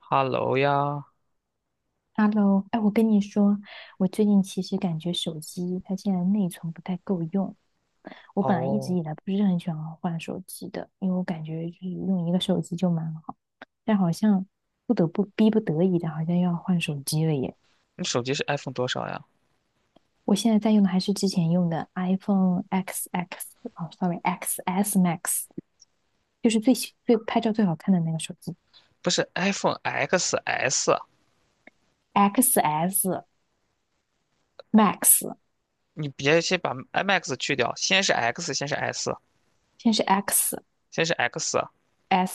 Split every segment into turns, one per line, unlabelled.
Hello 呀。
Hello，哎，我跟你说，我最近其实感觉手机它现在内存不太够用。我本来一直
哦，
以来不是很喜欢换手机的，因为我感觉就是用一个手机就蛮好，但好像不得不逼不得已的，好像又要换手机了耶。
你手机是 iPhone 多少呀？
我现在在用的还是之前用的 iPhone XX，哦，sorry XS Max，就是最拍照最好看的那个手机
不是 iPhone XS，
XS Max，
你别先把 i Max 去掉，先是 X，先是 S，
现在是
先是 X，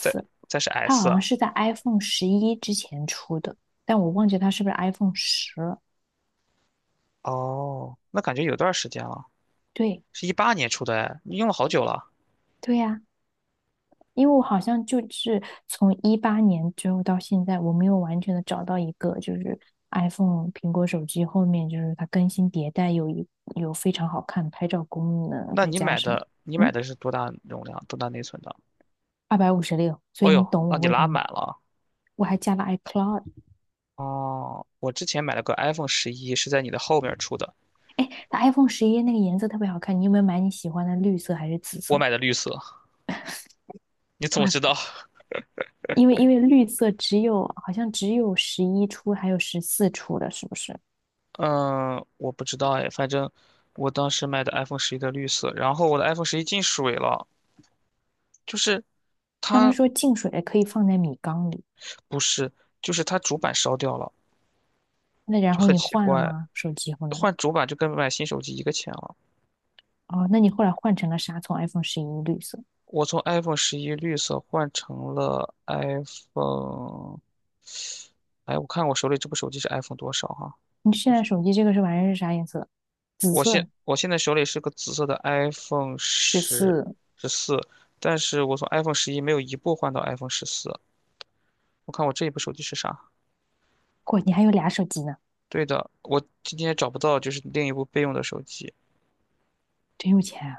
再 再是
它
S。
好像是在 iPhone 11之前出的，但我忘记它是不是 iPhone 十了。
哦，那感觉有段时间了，
对，
是一八年出的哎，你用了好久了。
对呀、因为我好像就是从2018年之后到现在，我没有完全的找到一个就是 iPhone 苹果手机后面就是它更新迭代有非常好看拍照功能，
那
再
你
加
买
上
的你买
嗯
的是多大容量、多大内存的？
二百五十六，256, 所以
哦
你
呦，
懂
那
我
你
为什
拉
么
满了。
我还加了 iCloud。
哦，我之前买了个 iPhone 十一，是在你的后面出的，
它 iPhone 十一那个颜色特别好看，你有没有买你喜欢的绿色还是紫
我
色？
买的绿色。你怎么知
我
道？
因为绿色好像只有十一出还有十四出的，是不是？
嗯，我不知道哎，反正我当时买的 iPhone 十一的绿色，然后我的 iPhone 十一进水了，就是
他们
它
说净水可以放在米缸里，
不是，就是它主板烧掉了，
那然
就
后
很
你
奇
换了
怪，
吗？手机后来
换主板就跟买新手机一个钱了。
哦，那你后来换成了啥？从 iPhone 十一绿色，
我从 iPhone 十一绿色换成了 iPhone，哎，我看我手里这部手机是 iPhone 多少哈、
你现在手机这个玩意是啥颜色？紫
我现
色，
我现在手里是个紫色的 iPhone
十
十
四。
十四，但是我从 iPhone 十一没有一部换到 iPhone 十四。我看我这一部手机是啥？
哇，你还有俩手机呢，
对的，我今天找不到，就是另一部备用的手机，
真有钱啊！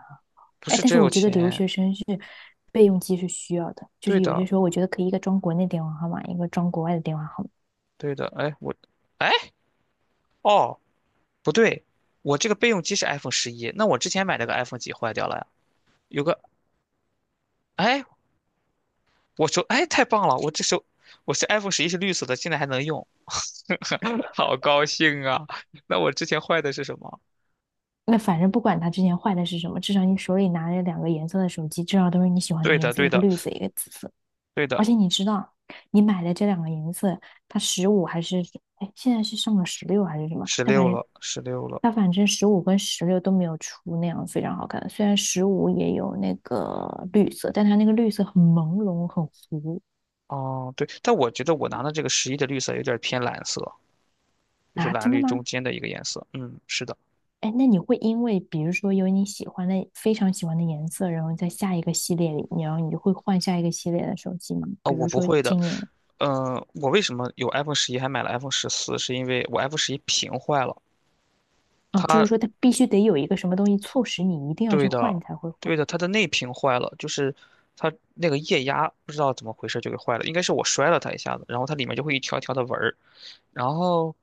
不
哎，
是
但
真
是我
有
觉得留
钱。
学生是备用机是需要的，就
对
是有些
的，
时候我觉得可以一个装国内电话号码，一个装国外的电话号码。
对的。哎，我，哎，哦，不对，我这个备用机是 iPhone 十一，那我之前买那个 iPhone 几坏掉了呀？有个，哎，我手，哎，太棒了，我这手，我是 iPhone 十一是绿色的，现在还能用，好高兴啊！那我之前坏的是什么？
那反正不管它之前坏的是什么，至少你手里拿着两个颜色的手机，至少都是你喜欢的
对
颜
的，
色，
对
一个
的，
绿色，一个紫色。
对
而
的，
且你知道，你买的这两个颜色，它十五还是哎，现在是上了十六还是什么？
十
它反
六
正
了，十六了。
十五跟十六都没有出那样非常好看的。虽然十五也有那个绿色，但它那个绿色很朦胧，很糊
哦，对，但我觉得我拿的这个十一的绿色有点偏蓝色。就是
啊！
蓝
真的
绿中
吗？
间的一个颜色。嗯，是的，
哎，那你会因为比如说有你喜欢的非常喜欢的颜色，然后在下一个系列里，然后你就会换下一个系列的手机吗？
啊，
比
我
如
不
说
会的。
今年，
嗯、我为什么有 iPhone 十一还买了 iPhone 十四？是因为我 iPhone 十一屏坏了，
啊，就是
它
说它必须得有一个什么东西促使你一定要去
对
换，你
的，
才会换。
对的，它的内屏坏了，就是它那个液压不知道怎么回事就给坏了，应该是我摔了它一下子，然后它里面就会一条条的纹儿，然后，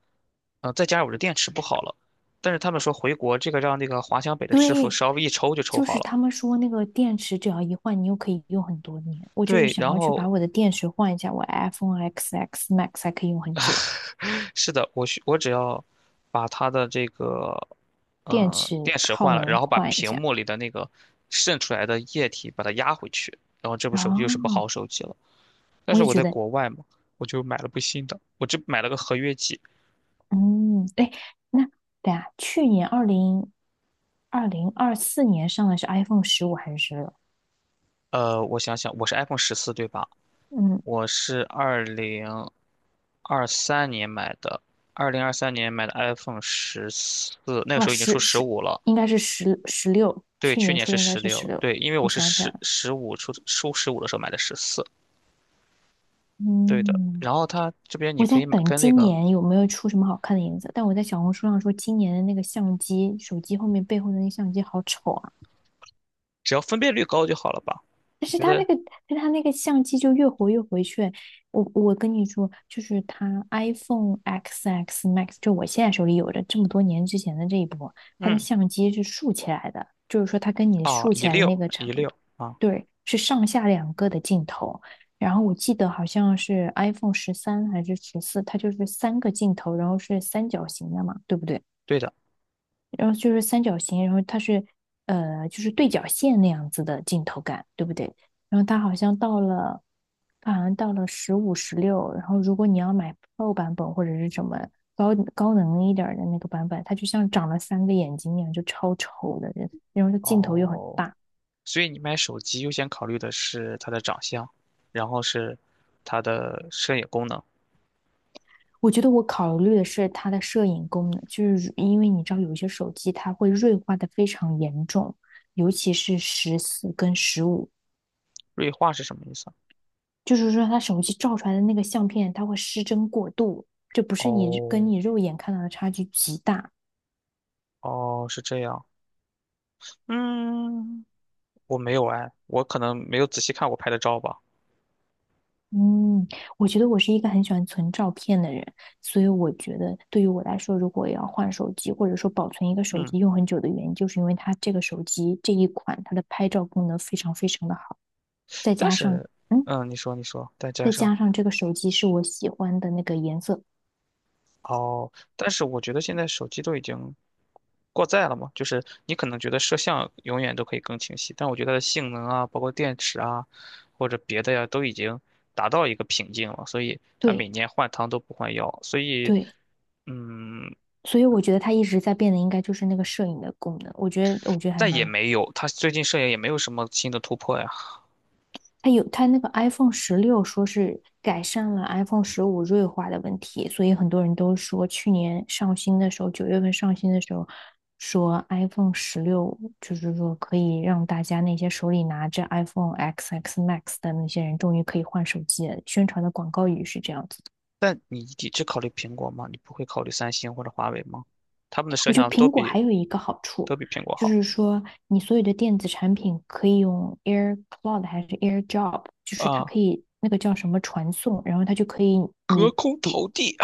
再加上我的电池不好了。但是他们说回国这个让那个华强北的师傅
对，
稍微一抽就抽
就
好
是
了，
他们说那个电池只要一换，你又可以用很多年。我就是
对，
想
然
要去
后
把我的电池换一下，我 iPhone XX Max 还可以用很久，
是的，我只要把它的这个
电池
电池
耗
换了，然
能
后把
换一
屏
下。
幕里的那个渗出来的液体把它压回去，然后这部手机又是部好
哦，
手机了。但
我
是
也
我
觉
在
得
国外嘛，我就买了部新的，我这买了个合约机。
嗯，哎，那对啊，去年2024年上的是 iPhone 十五还是16？
我想想，我是 iPhone 十四对吧？
嗯，
我是二零二三年买的，二零二三年买的 iPhone 十四，那个
啊，
时候已经出
十
十
十
五了。
应该是十六，
对，
去
去
年
年
出
是
的应该
十
是十
六，
六。
对，因为我
我
是
想起来
十
了，
十五出十五的时候买的十四，对的。
嗯，
然后它这边你
我
可
在
以买
等
跟那
今
个，
年有没有出什么好看的颜色，但我在小红书上说今年的那个相机，手机后面背后的那个相机好丑啊。
只要分辨率高就好了吧？
但
我
是
觉
他
得，
那个，但他那个相机就越活越回旋。我跟你说，就是他 iPhone XX Max,就我现在手里有着这么多年之前的这一波，它的
嗯，
相机是竖起来的，就是说它跟你
啊，
竖
一
起来的那
六
个
一
长度，
六啊，
对，是上下两个的镜头。然后我记得好像是 iPhone 13还是14，它就是三个镜头，然后是三角形的嘛，对不对？
对的。
然后就是三角形，然后就是对角线那样子的镜头感，对不对？然后它好像到了，它好像到了十五、十六，然后如果你要买 Pro 版本或者是什么高能一点儿的那个版本，它就像长了三个眼睛一样，就超丑的人，然后它镜头又很
哦，
大。
所以你买手机优先考虑的是它的长相，然后是它的摄影功能。
我觉得我考虑的是它的摄影功能，就是因为你知道有一些手机它会锐化的非常严重，尤其是十四跟十五，
锐化是什么意思啊？
就是说他手机照出来的那个相片，它会失真过度，这不是你跟
哦
你肉眼看到的差距极大。
哦，是这样。嗯，我没有哎，我可能没有仔细看我拍的照吧。
嗯，我觉得我是一个很喜欢存照片的人，所以我觉得对于我来说，如果要换手机，或者说保存一个手
嗯。
机用很久的原因，就是因为它这个手机这一款它的拍照功能非常非常的好，再
但
加上
是，
嗯，
嗯，你说你说，再加
再
上
加上这个手机是我喜欢的那个颜色，
哦，但是我觉得现在手机都已经过载了嘛，就是你可能觉得摄像永远都可以更清晰，但我觉得它的性能啊，包括电池啊，或者别的呀，都已经达到一个瓶颈了，所以它每
对
年换汤都不换药，所以，
对，
嗯，
所以我觉得它一直在变的应该就是那个摄影的功能，我觉得还
但也
蛮。
没有，它最近摄影也没有什么新的突破呀。
它有它那个 iPhone 十六说是改善了 iPhone 十五锐化的问题，所以很多人都说去年上新的时候，9月份上新的时候，说 iPhone 十六就是说可以让大家那些手里拿着 iPhone XX Max 的那些人终于可以换手机了，宣传的广告语是这样子的。
但你只考虑苹果吗？你不会考虑三星或者华为吗？他们的摄
我觉得
像都
苹果
比
还有一个好处。
苹果
就
好
是说，你所有的电子产品可以用 AirCloud 还是 AirDrop,就是它
啊。
可以那个叫什么传送，然后它就可以
隔
你
空投递。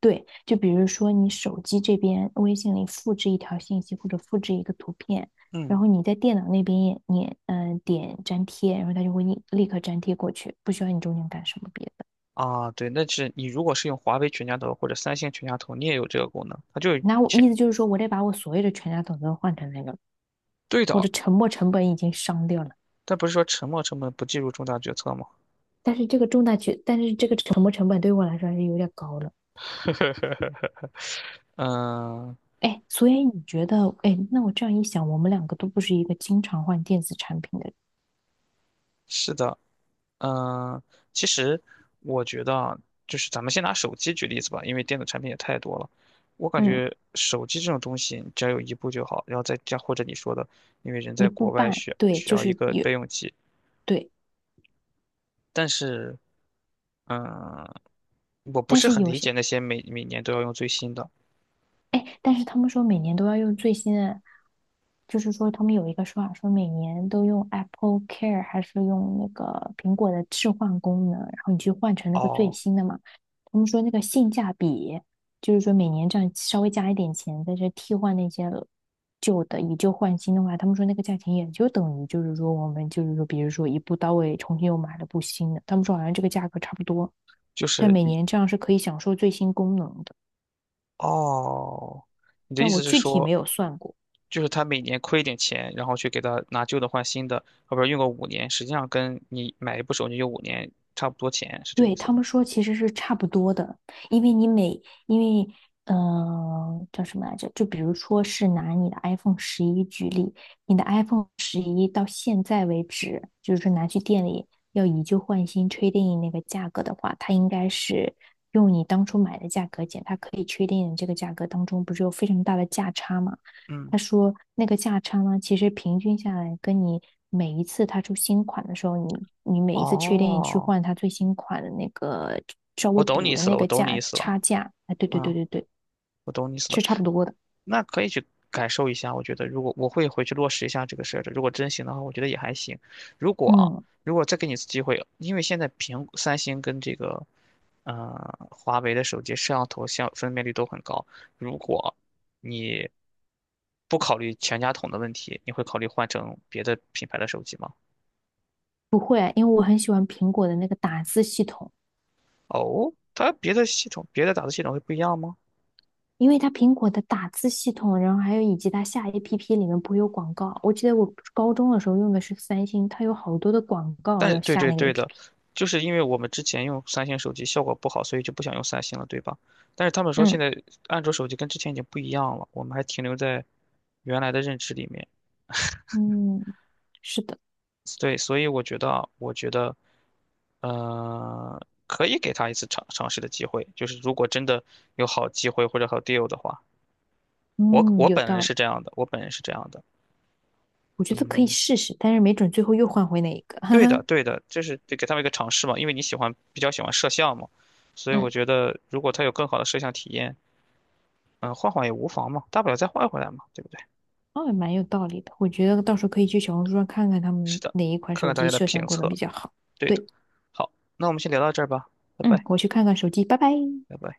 对，就比如说你手机这边微信里复制一条信息或者复制一个图片，然
嗯
后你在电脑那边也点粘贴，然后它就会立刻粘贴过去，不需要你中间干什么别的。
啊，对，那是你如果是用华为全家桶或者三星全家桶，你也有这个功能，它就是
那我
钱。
意思就是说，我得把我所有的全家桶都换成那个，
对
我
的，
的沉没成本已经伤掉了。
但不是说沉没成本不计入重大决策吗？
但是这个沉没成本对我来说还是有点高了。
嗯，
哎，所以你觉得，哎，那我这样一想，我们两个都不是一个经常换电子产品的人
是的，嗯，其实我觉得啊，就是咱们先拿手机举例子吧，因为电子产品也太多了。我感
嗯，
觉手机这种东西，你只要有一部就好，然后再加或者你说的，因为人
一
在
步
国外
半，
需
对，
需
就
要
是
一个
有。
备用机，
对，
但是嗯，我不
但
是
是
很
有
理
些，
解那些每年都要用最新的。
哎，但是他们说每年都要用最新的，就是说他们有一个说法，说每年都用 Apple Care 还是用那个苹果的置换功能，然后你去换成那个最
哦，
新的嘛。他们说那个性价比，就是说每年这样稍微加一点钱，在这替换那些旧的以旧换新的话，他们说那个价钱也就等于就是说，比如说一步到位重新又买了部新的，他们说好像这个价格差不多，
就
但
是
每
你，
年这样是可以享受最新功能的。
哦，你的意
但我
思是
具体
说，
没有算过。
就是他每年亏一点钱，然后去给他拿旧的换新的，后边用个五年，实际上跟你买一部手机用五年差不多钱，是这个
对，
意思
他
吗？
们说其实是差不多的，因为你每，因为，嗯、呃叫什么来着？就比如说是拿你的 iPhone 十一举例，你的 iPhone 十一到现在为止，就是说拿去店里要以旧换新确定那个价格的话，它应该是用你当初买的价格减，它可以确定这个价格当中不是有非常大的价差吗？
嗯，
他说那个价差呢，其实平均下来，跟你每一次他出新款的时候，你每一次缺点你去
哦，
换它最新款的那个稍微
我懂你
补
意
的
思
那
了，我
个
懂你意
价
思了，
差价，哎，对对对
嗯，
对对，
我懂你意思了。
是差不多的。
那可以去感受一下。我觉得，如果我会回去落实一下这个设置，如果真行的话，我觉得也还行。如果啊，
嗯，
如果再给你一次机会，因为现在苹三星跟这个华为的手机摄像头像分辨率都很高，如果你不考虑全家桶的问题，你会考虑换成别的品牌的手机吗？
不会啊，因为我很喜欢苹果的那个打字系统，
哦，它别的系统、别的打字系统会不一样吗？
因为它苹果的打字系统，然后还有以及它下 APP 里面不会有广告。我记得我高中的时候用的是三星，它有好多的广告
但
要
对
下
对
那个
对的，
APP。
就是因为我们之前用三星手机效果不好，所以就不想用三星了，对吧？但是他们说现
嗯
在安卓手机跟之前已经不一样了，我们还停留在原来的认知里面。
嗯，是的，
对，所以我觉得啊，我觉得，呃，可以给他一次尝试的机会，就是如果真的有好机会或者好 deal 的话，我
嗯，
我
有
本人
道
是
理。
这样的，我本人是这样的，
我觉得可以
嗯。
试试，但是没准最后又换回哪一个，哈
对的，
哈，
对的，这是得给他们一个尝试嘛，因为你喜欢比较喜欢摄像嘛，所以我
嗯，
觉得如果他有更好的摄像体验，嗯，换换也无妨嘛，大不了再换回来嘛，对不对？
哦，蛮有道理的。我觉得到时候可以去小红书上看看他
是
们
的，
哪一款
看
手
看大
机
家的
摄像
评
功能比
测，
较好。
对的。
对，
好，那我们先聊到这儿吧，拜
嗯，
拜，
我去看看手机，拜拜。
拜拜。